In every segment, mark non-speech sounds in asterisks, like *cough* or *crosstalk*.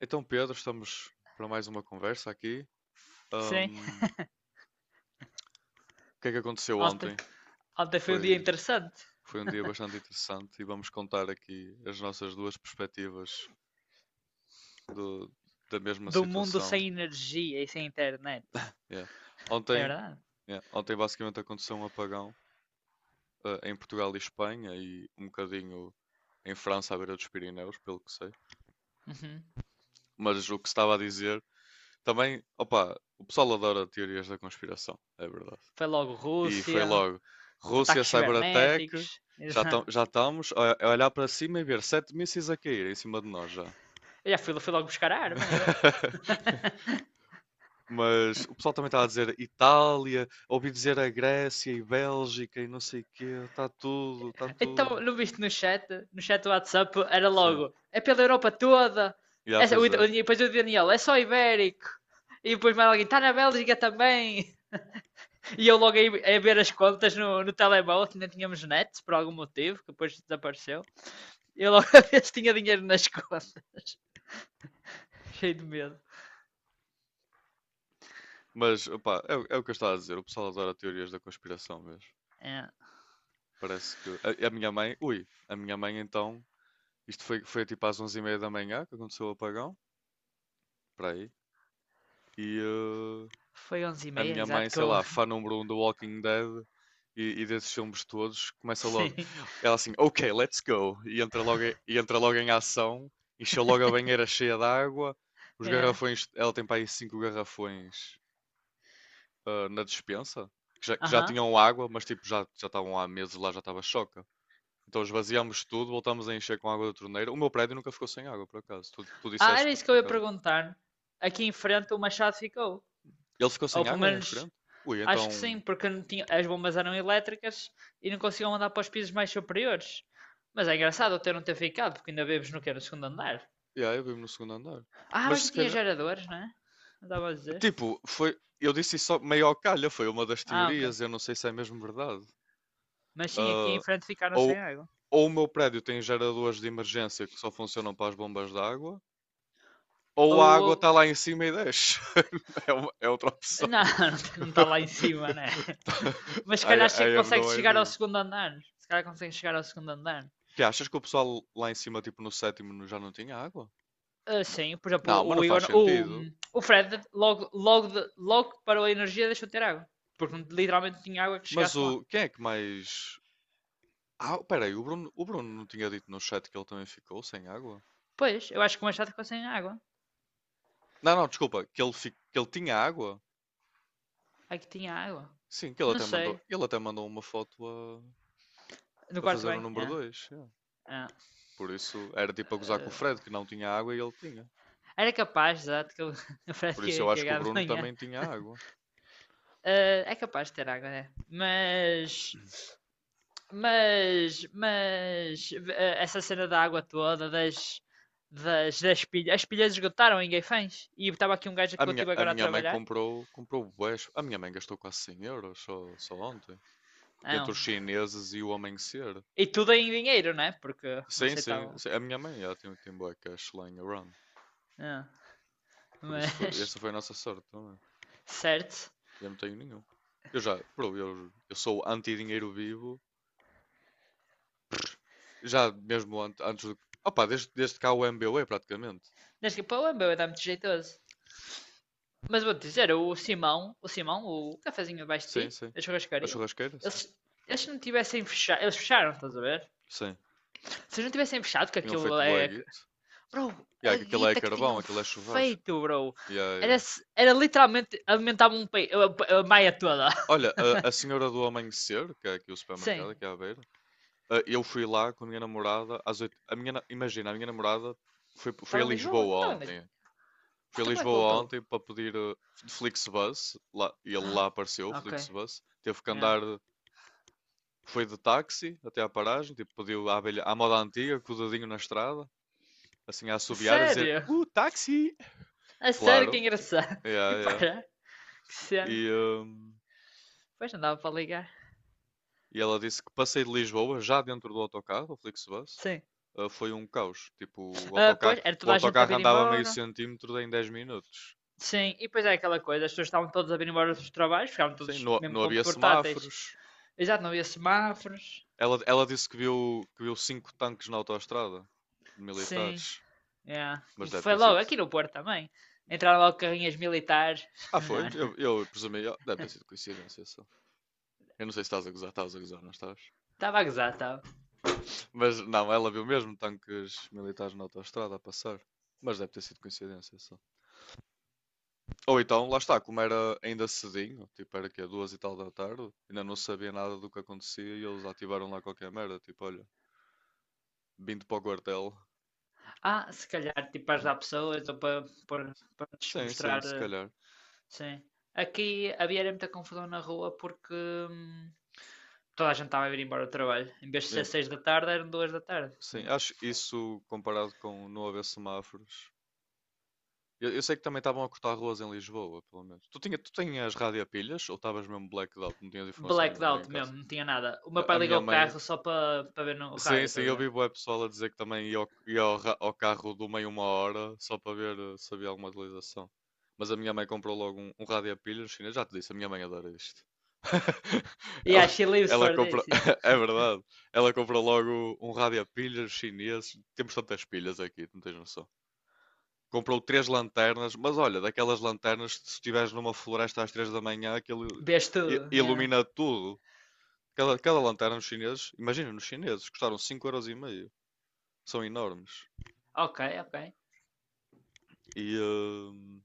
Então, Pedro, estamos para mais uma conversa aqui. Sim, Ahm, o que é que aconteceu ontem, ontem? ontem foi um dia Foi, interessante. foi, um dia bastante interessante e vamos contar aqui as nossas duas perspectivas do- da mesma Do mundo situação. sem energia e sem internet. Yeah. É Ontem, verdade. yeah, ontem basicamente aconteceu um apagão, em Portugal e Espanha e um bocadinho em França, à beira dos Pirineus, pelo que sei. Uhum. Mas o que se estava a dizer também, opa, o pessoal adora teorias da conspiração, é verdade. Foi logo E foi Rússia, logo Rússia ataques cibernéticos. Cyberattack. *laughs* Já, Exato. já estamos a olhar para cima e ver sete mísseis a cair em cima de nós já. Eu já fui logo buscar a arma, eu. *laughs* *laughs* Mas o pessoal também está a dizer Itália, ouvi dizer a Grécia e Bélgica e não sei o quê. Está tudo, está Então, tudo. não viste no chat? No chat do WhatsApp era Sim. logo. É pela Europa toda. Já, É, o, pois o, é. depois o Daniel, é só ibérico. E depois mais alguém, está na Bélgica também. *laughs* E eu logo aí a ver as contas no telemóvel, que ainda tínhamos net, por algum motivo, que depois desapareceu. Eu logo *laughs* a ver tinha dinheiro nas *laughs* contas. Cheio de medo. Mas, opá, é, é o que eu estava a dizer. O pessoal adora teorias da conspiração mesmo. É. Parece que... A minha mãe... Ui, a minha mãe então... Isto foi tipo às 11:30 da manhã que aconteceu o apagão. Para aí. E, eh, Foi onze e a meia, minha mãe, exato, que sei eu... lá, fã *laughs* número um do Walking Dead e desses filmes todos, começa logo. Sim. Ela assim, ok, let's go. E entra logo em ação, encheu logo a banheira cheia de água, os É. garrafões, ela tem para aí cinco garrafões na despensa, que já Aham. Uhum. tinham água, mas tipo, já estavam há meses lá, já estava choca. Então esvaziamos tudo, voltamos a encher com água da torneira. O meu prédio nunca ficou sem água, por acaso. Tu Ah, disseste era que a isso que eu tua ia casa. perguntar. Aqui em frente o Machado ficou. Ele ficou Ou sem pelo água aí em menos, frente? Ui, acho então. que sim, porque não tinha... as bombas eram elétricas e não conseguiam andar para os pisos mais superiores. Mas é engraçado até não ter ficado, porque ainda vives no que era o segundo andar. E yeah, aí, eu vivo no segundo andar. Ah, Mas mas já se tinha calhar. geradores, não é? Não estava a dizer. Tipo, foi. Eu disse isso só meio ao calha, foi uma das Ah, ok. teorias, eu não sei se é mesmo verdade. Mas sim, aqui em Ah, frente ficaram sem ou, água. ou o meu prédio tem geradores de emergência que só funcionam para as bombas de água, ou Ou, a ou água está lá em cima e desce. *laughs* É, é outra opção. não, *laughs* não está lá em cima, né? *laughs* Tá- *laughs* Mas se calhar I, I have consegue no chegar ao idea. segundo andar. Se calhar consegue chegar ao segundo andar. Que achas que o pessoal lá em cima, tipo no sétimo, já não tinha água? Ah, sim, por exemplo, Não, mas não o faz Igor, o, sentido. o Fred, logo que parou a energia, deixou de ter água. Porque literalmente não tinha água que Mas chegasse lá. o quem é que mais. Ah, peraí, o Bruno não tinha dito no chat que ele também ficou sem água? Pois, eu acho que o Machado ficou sem água. Não, não, desculpa, que ele, que ele tinha água? Aqui tinha água. Sim, que Não sei. ele até mandou uma foto No a quarto fazer o bem? número É, 2. É. é. Por isso, era tipo a gozar com o Fred, Ah, que não tinha água e ele tinha. era capaz, exato, que o *laughs* o Fred Por que isso ia eu acho que o cagar de Bruno manhã. também tinha água. Ah, é capaz de ter água, né? Mas. Mas essa cena da água toda, das, pilhas. As pilhas esgotaram em Gaifães. E estava aqui um gajo que eu tive A agora a minha mãe trabalhar. Comprou bués. A minha mãe gastou quase 100 euros só, só ontem. Entre Não. os chineses e o amanhecer. E tudo em dinheiro, né? Porque não Sim, sim, aceitavam. sim. A minha mãe, ela tem, tem bué cash lá em Iran. Ah, Por isso, foi- Mas, essa foi a nossa sorte também. *laughs* certo. Eu não tenho nenhum. Eu já, bro, eu sou anti-dinheiro vivo. Já mesmo antes do. Opa, desde cá o MBWay praticamente. Desde que para o Embeu dá muito jeitoso. Mas vou-te dizer, o Simão, o cafezinho abaixo de Sim, ti, sim. a A churrascaria, churrasqueira, sim. eles, eles não tivessem fechado, eles fecharam, estás a ver? Sim. Se eles não tivessem fechado, que Tinham aquilo feito bué é, guito. Bro, Yeah, a que aquilo é guita que carvão, tinham aquilo é churrasco. feito, bro. Yeah, Era, yeah. era literalmente alimentava um a maia toda. *laughs* Olha, a Senhora do Amanhecer, que é aqui o Sim. supermercado, aqui à beira, eu fui lá com a minha namorada às oito. Imagina, a minha namorada foi a Estava em Lisboa? Não Lisboa estava em Lisboa. ontem. Foi a Então como é que Lisboa voltou? ontem para pedir de Flixbus, lá, e ele lá apareceu, o Ok. Flixbus. Teve que Yeah. andar. Foi de táxi até à paragem, tipo, pediu à, abelha, à moda antiga, com o dedinho na estrada, assim a assobiar, a dizer Sério? Táxi! É sério que é Claro, engraçado. *laughs* E yeah, yeah. para, que E, cena. hum, Pois não dava para ligar. e ela disse que passei de Lisboa, já dentro do autocarro, o Flixbus, Sim. Foi um caos. Tipo, o autocarro, Pois, era o toda a gente a autocarro vir andava meio embora. centímetro em 10 minutos. Sim, e depois é aquela coisa, as pessoas estavam todas a vir embora dos trabalhos, ficavam Sim, todos não, mesmo não com havia portáteis. semáforos. Exato, não havia semáforos. Ela disse que viu cinco tanques na autoestrada, Sim. militares, Yeah. mas deve Foi ter logo sido. aqui no Porto também. Entraram logo carrinhas militares. *laughs* Ah, Não, foi? não. Eu presumi, ah, deve ter sido coincidência só. Eu não sei se estás a gozar, estás a gozar, não estás? Estava a gozar, estava. Mas não, ela viu mesmo tanques militares na autoestrada a passar. Mas deve ter sido coincidência só. Ou então, lá está, como era ainda cedinho, tipo era que é duas e tal da tarde, ainda não sabia nada do que acontecia e eles ativaram lá qualquer merda, tipo, olha, vindo para o quartel. Ah, se calhar, tipo, para ajudar pessoas ou para lhes Sim, sim, mostrar. se calhar. Sim. Aqui havia era muita confusão na rua porque toda a gente estava a vir embora do trabalho. Em vez de ser Yeah, 6 da tarde, eram 2 da tarde. sim, Yeah. acho isso comparado com não haver semáforos. Eu sei que também estavam a cortar ruas em Lisboa, pelo menos. Tu, tu tinhas rádio a pilhas ou estavas mesmo blacked out? Não tinhas informação nenhuma aí em Blackout casa? mesmo, não tinha nada. O meu A pai ligou minha o mãe. carro só para ver no Sim, rádio, sim, estás eu a vi ver? bué pessoal a dizer que também ia ao ao carro do meio uma hora só para ver se havia alguma atualização. Mas a minha mãe comprou logo um rádio a pilhas chinês. Já te disse, a minha mãe adora isto. *laughs* Ela, Yeah, she lives Ela for comprou. this, yeah. *laughs* É verdade. Ela comprou logo um rádio a pilhas chinês. Temos tantas pilhas aqui, não tens noção. Comprou três lanternas, mas olha, daquelas lanternas, se estiveres numa floresta às 3 da manhã, aquilo Vês tudo, yeah. ilumina tudo. Cada lanterna nos chineses, imagina, nos chineses, custaram €5,50. São enormes. Ok, ok. E, hum,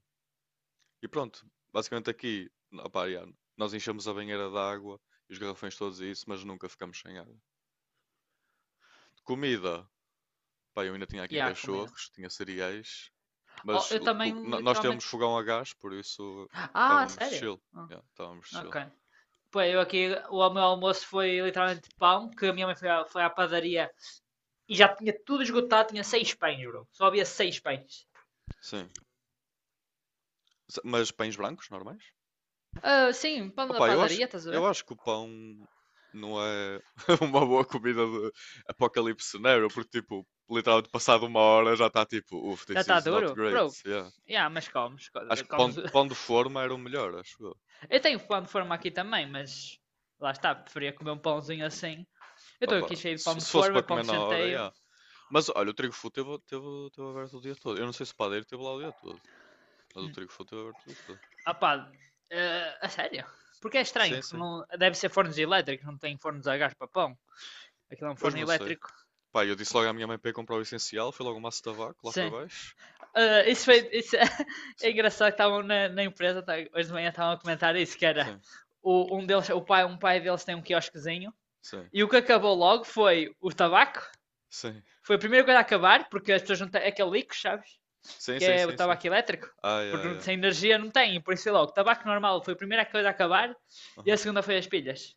e pronto, basicamente aqui, opá, já, nós enchemos a banheira de água e os garrafões todos e isso, mas nunca ficamos sem água. Comida, pá, eu ainda tinha E aqui yeah, a comida. cachorros, tinha cereais, Oh, mas eu também nós temos literalmente. fogão a gás, por isso Ah, estávamos sério? chill. Ah, Já, estávamos chill. ok. Pô, eu aqui, o meu almoço foi literalmente pão, que a minha mãe foi à padaria e já tinha tudo esgotado, tinha seis pães, bro. Só havia seis pães. Sim. Mas pães brancos, normais? Ah, sim, pão da Opa, padaria, estás a eu ver? acho que o pão não é *laughs* uma boa comida de apocalipse scenario, porque, tipo, literalmente passado uma hora já está tipo, uff, Já this está is not duro? great. Bro, Yeah. yeah, mas comes, Acho que pão, comes. Pão de *laughs* forma era o melhor, acho eu. Eu tenho pão de forma aqui também, mas lá está, preferia comer um pãozinho assim. Eu estou Opa, aqui cheio de pão de se fosse para forma, pão comer de na hora, chanteio. yeah. Mas olha, o trigo full teve aberto o dia todo. Eu não sei se o padeiro teve lá o dia todo, mas o trigo full teve aberto o dia todo. Ah pá, a sério? Porque é estranho, Sim, porque sim. não, deve ser fornos elétricos, não tem fornos a gás para pão. Aquilo é um Pois forno não sei. elétrico. Pá, eu disse logo à minha mãe para ir comprar o essencial, foi logo um maço de tabaco lá para Sim. baixo. Isso Eu disse, foi, isso *laughs* é sim, engraçado que estavam na empresa, hoje de manhã estavam a comentar isso, que era sim, o, um deles, o pai, um pai deles tem um quiosquezinho sim, e o que acabou logo foi o tabaco. sim. Foi a primeira coisa a acabar, porque as pessoas não têm é aquele líquido, sabes? Sim, Que sim, é o sim, sim. tabaco elétrico. Ai, ai, Porque ai. sem energia não tem, por isso foi logo. O tabaco normal foi a primeira coisa a acabar e a Aham. segunda foi as pilhas.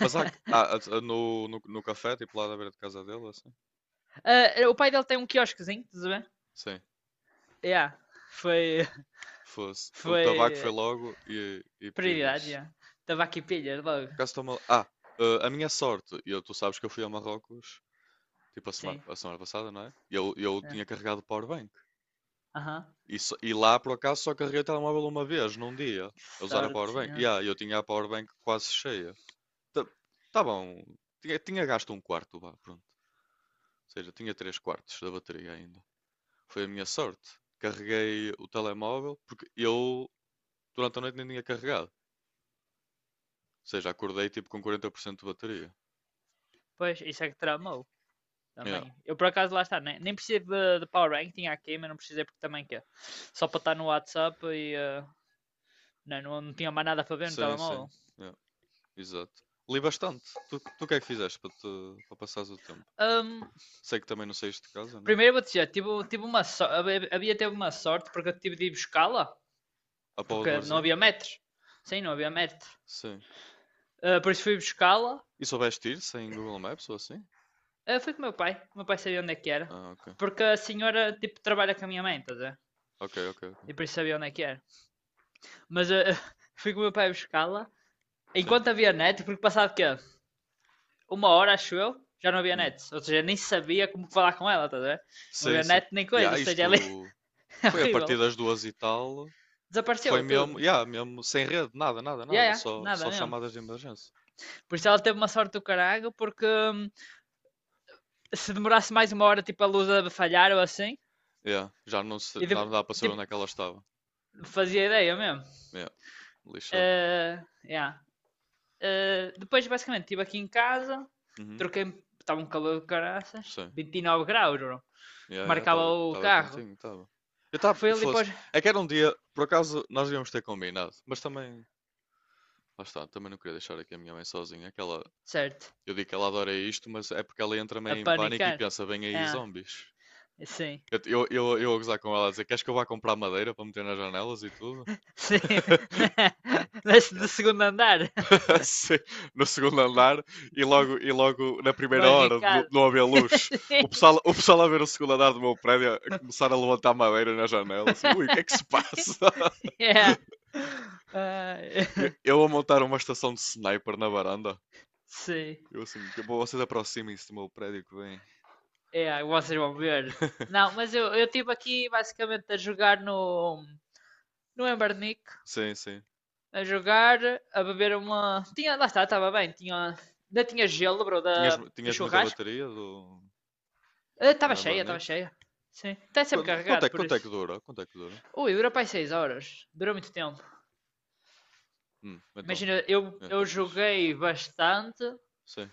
Mas no, no, no café, tipo lá na beira de casa dele, assim? Ah, o pai dele tem um quiosquezinho, tudo bem? Ver? Sim, Yeah. Foi, fosse. O tabaco foi foi logo e prioridade, pilhas. yeah. Estava aqui pilha logo. Por acaso estou mal... Ah, a minha sorte, e eu, tu sabes que eu fui a Marrocos, tipo Sim. a semana passada, não é? E eu Aham. yeah. tinha carregado o powerbank. Aham. E, e lá, por acaso, só carreguei o telemóvel uma vez, num dia, Que a usar a sorte. powerbank. E Yeah. ah, eu tinha a powerbank quase cheia. Tá, tá bom, tinha gasto um quarto, vá, pronto. Ou seja, tinha três quartos da bateria ainda. Foi a minha sorte. Carreguei o telemóvel porque eu durante a noite nem tinha carregado. Ou seja, acordei tipo com 40% de bateria. Pois, isso é que tramou Yeah. também. Eu por acaso lá está, nem preciso de Power Rank, tinha aqui, mas não precisei porque também quer. Só para estar no WhatsApp e não tinha mais nada para ver no Sim, sim. telemóvel. Yeah. Exato. Li bastante. Tu, o que é que fizeste para, te, para passares o tempo? Ahm, Sei que também não saíste de casa, não é? primeiro vou dizer, tive uma havia teve uma sorte porque eu tive de ir buscá-la, A Póvoa do porque não Varzim? havia metros. Sim, não havia metros. Sim. Ah, depois fui buscá-la. E soubeste ir sem Google Maps ou assim? Ah, fui com o meu pai. O meu pai sabia onde é que era. Ah, ok. Porque a senhora, tipo, trabalha com a minha mãe, estás a ver? Ok, ok, ok. E por isso sabia onde é que era. Mas *laughs* fui com o meu pai buscá-la. Sim. Enquanto havia net, porque passava o quê? Uma hora, acho eu, já não havia Hum. net. Ou seja, nem sabia como falar com ela, estás a ver? Não Sim, havia sim. net nem E coisa. Ou há seja, ela é isto. *laughs* Foi a partir horrível. das duas e tal. Desapareceu Foi tudo. mesmo, yeah, mesmo sem rede, nada, nada, Ya, nada, ya, só, nada só mesmo. chamadas de emergência. Por isso ela teve uma sorte do caralho, porque se demorasse mais uma hora, tipo, a luz a falhar ou assim, Yeah, já não, se, e não dá para saber onde tipo, é que ela estava. fazia ideia mesmo. Yeah, lixado. Uh, yeah. Depois, basicamente, estive aqui em casa, Uhum, troquei estava um calor de caraças, sim. 29 graus, bro, que Yeah, yeah, marcava o estava carro. quentinho, estava. Eu estava, Foi ali fosse. para É que era um dia, por acaso, nós íamos ter combinado, mas também, lá está, também não queria deixar aqui a minha mãe sozinha. Aquela, certo, eu digo que ela adora isto, mas é porque ela entra a meio em pânico e panicar. pensa, vem aí Ah, zombies. sim, Eu a gozar com ela a dizer, queres que eu vá comprar madeira para meter nas janelas e tudo? sim. *laughs* *laughs* Desce Yeah. do segundo andar, *laughs* Sim, no segundo andar e logo na primeira hora de barricado. não haver luz, o pessoal a ver o segundo andar do meu prédio a começar a levantar madeira na janela, assim, ui, o que é que se *laughs* passa? Yeah. *laughs* Ah, Eu a montar uma estação de sniper na varanda. sim, Eu assim, que bom, vocês aproximem-se do meu prédio que vem. yeah, vocês vão ver. Não, *laughs* mas eu estive aqui basicamente a jogar no Embernick, Sim, sim. a jogar, a beber uma. Tinha, lá está, estava bem. Tinha, ainda tinha gelo, bro, da, do Tinhas muita churrasco. bateria do, Ah, no estava cheia, Embernick? estava cheia. Sim. Está sempre carregado, por Quanto é que isso. dura? Quanto é que dura? Ui, dura para aí 6 horas. Durou muito tempo. Então. Imagina, eu, É, tá eu fixe. joguei bastante. Sim.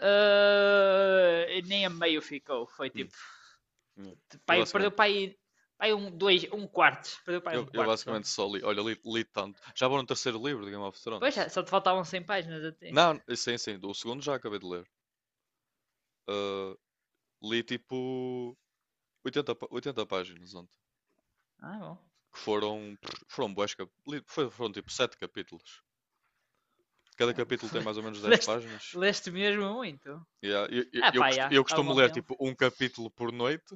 E nem a meio ficou. Foi Hum, tipo. é. Eu Pai, perdeu basicamente. para aí. Pai um, dois, um quarto. Perdeu para aí Eu, um eu quarto só. basicamente só li, olha, li tanto. Já vou no terceiro livro de Game of Pois Thrones. já, só te faltavam 100 páginas a ti. Não, sim, sim, o segundo já acabei de ler. Ah, li tipo 80 páginas ontem. Ah, bom. Que foram, foram bués, foram tipo 7 capítulos. Cada É, capítulo tem mais *laughs* ou menos 10 leste, páginas. leste mesmo muito. Yeah, Ah, pá, já. eu Estava costumo bom ler tempo. tipo um capítulo por noite.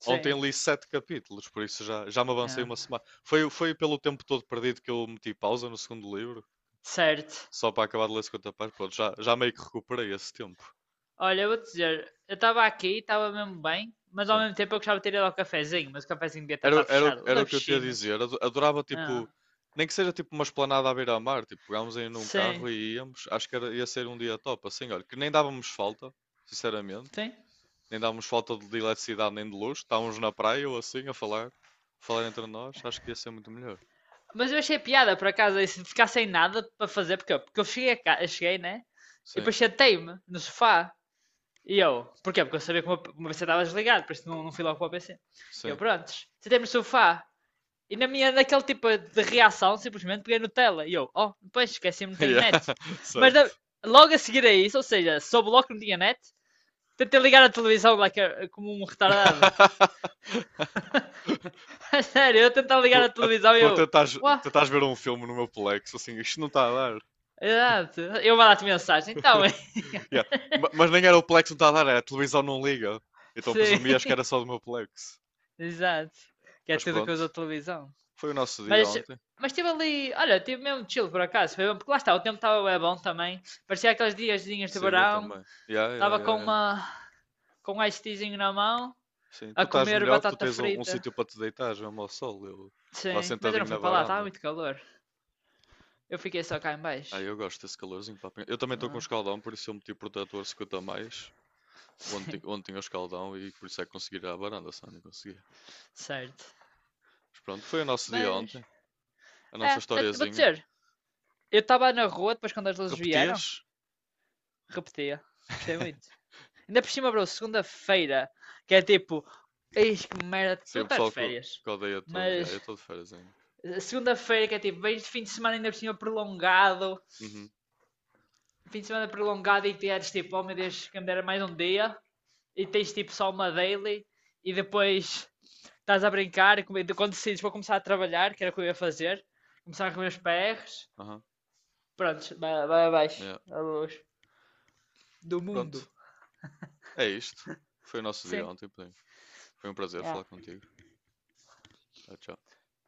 Sim. Ontem li 7 capítulos, por isso já, já me avancei É. uma semana. Foi pelo tempo todo perdido que eu meti pausa no segundo livro. Certo. Só para acabar de ler 50 páginas, pronto, já, já meio que recuperei esse tempo. Olha, eu vou te dizer, eu estava aqui, estava mesmo bem, mas ao Sim. mesmo tempo eu gostava de ter ido ao cafezinho, mas o cafezinho devia estar Era, tá fechado. O era o das que eu te ia piscinas. dizer. Adorava, Ah, tipo, nem que seja tipo uma esplanada à beira-mar. Tipo, pegámos aí num sim. carro e íamos. Acho que era, ia ser um dia top, assim, olha, que nem dávamos falta, sinceramente. Sim. Nem dávamos falta de eletricidade nem de luz. Estávamos na praia ou assim a falar, falar entre nós. Acho que ia ser muito melhor. Mas eu achei piada, por acaso, isso de ficar sem nada para fazer, porque eu, cheguei, a ca- eu cheguei, né? E Sim, depois sentei-me no sofá. E eu, porquê? Porque eu sabia que o meu PC estava desligado, por isso não fui logo para o PC. E eu, sim. prontos, sentei-me no sofá E na minha, naquele tipo de reação, simplesmente peguei no tela. E eu, oh, depois esqueci-me, não *laughs* tenho Yeah, net. Mas certo. da- logo a seguir a isso, ou seja, soube logo que não tinha net, tentei ligar a televisão like, como um retardado. *laughs* *laughs* Sério, eu tentava Tu, ligar a a, televisão e tu a eu, tentares, uau, tentares ver um filme no meu Plex, assim, isto não está a dar. exato. Eu mandar-te mensagem, então. Yeah. Mas nem era o Plex que me estava a dar, era a televisão não liga. *laughs* Então presumi acho que Sim, era só do meu Plex. exato. Que é Mas tudo que pronto, usa a televisão. foi o nosso dia Mas, ontem. mas estive ali, olha, estive mesmo chill por acaso, foi bom, porque lá está, o tempo estava bem bom também. Parecia aqueles diazinhos de Sim, eu verão, também. Yeah, yeah, estava com yeah, yeah. uma com um ice teazinho na mão, Sim, tu a estás comer melhor que tu batata tens um frita. sítio para te deitar, mesmo ao sol. Eu estava Sim, mas eu não sentadinho na fui para lá, estava varanda. muito calor. Eu fiquei só cá em Ah, baixo. eu gosto desse calorzinho. Pá. Eu também estou com um Não escaldão, por isso eu meti o protetor 50 a mais. *laughs* Ontem, sim, ontem tinha o escaldão e por isso é que consegui ir à varanda, senão não conseguia. certo. Mas pronto, foi o nosso dia Mas, ontem. A nossa é, é, vou historiazinha. dizer, eu estava na rua depois quando as luzes vieram, Repetias? repetia. Gostei *laughs* muito. Ainda por cima, bro, segunda-feira, que é tipo, eis que merda, Sim, tu o estás de pessoal férias. que odeia todo. Yeah, eu Mas, estou de férias ainda. Segunda-feira, que é tipo, vens de fim de semana ainda por cima prolongado, Uhum, fim de semana prolongado e tens tipo, oh meu Deus, que me dera mais um dia, e tens tipo só uma daily, e depois estás a brincar, e quando decides vou começar a trabalhar, que era o que eu ia fazer, começar a comer os PRs, aham, pronto, vai abaixo, yeah. a luz do Pronto, mundo. é isto. Foi o nosso dia Sim, ontem, Pedrinho. Foi um prazer falar é. contigo. Tchau, tchau.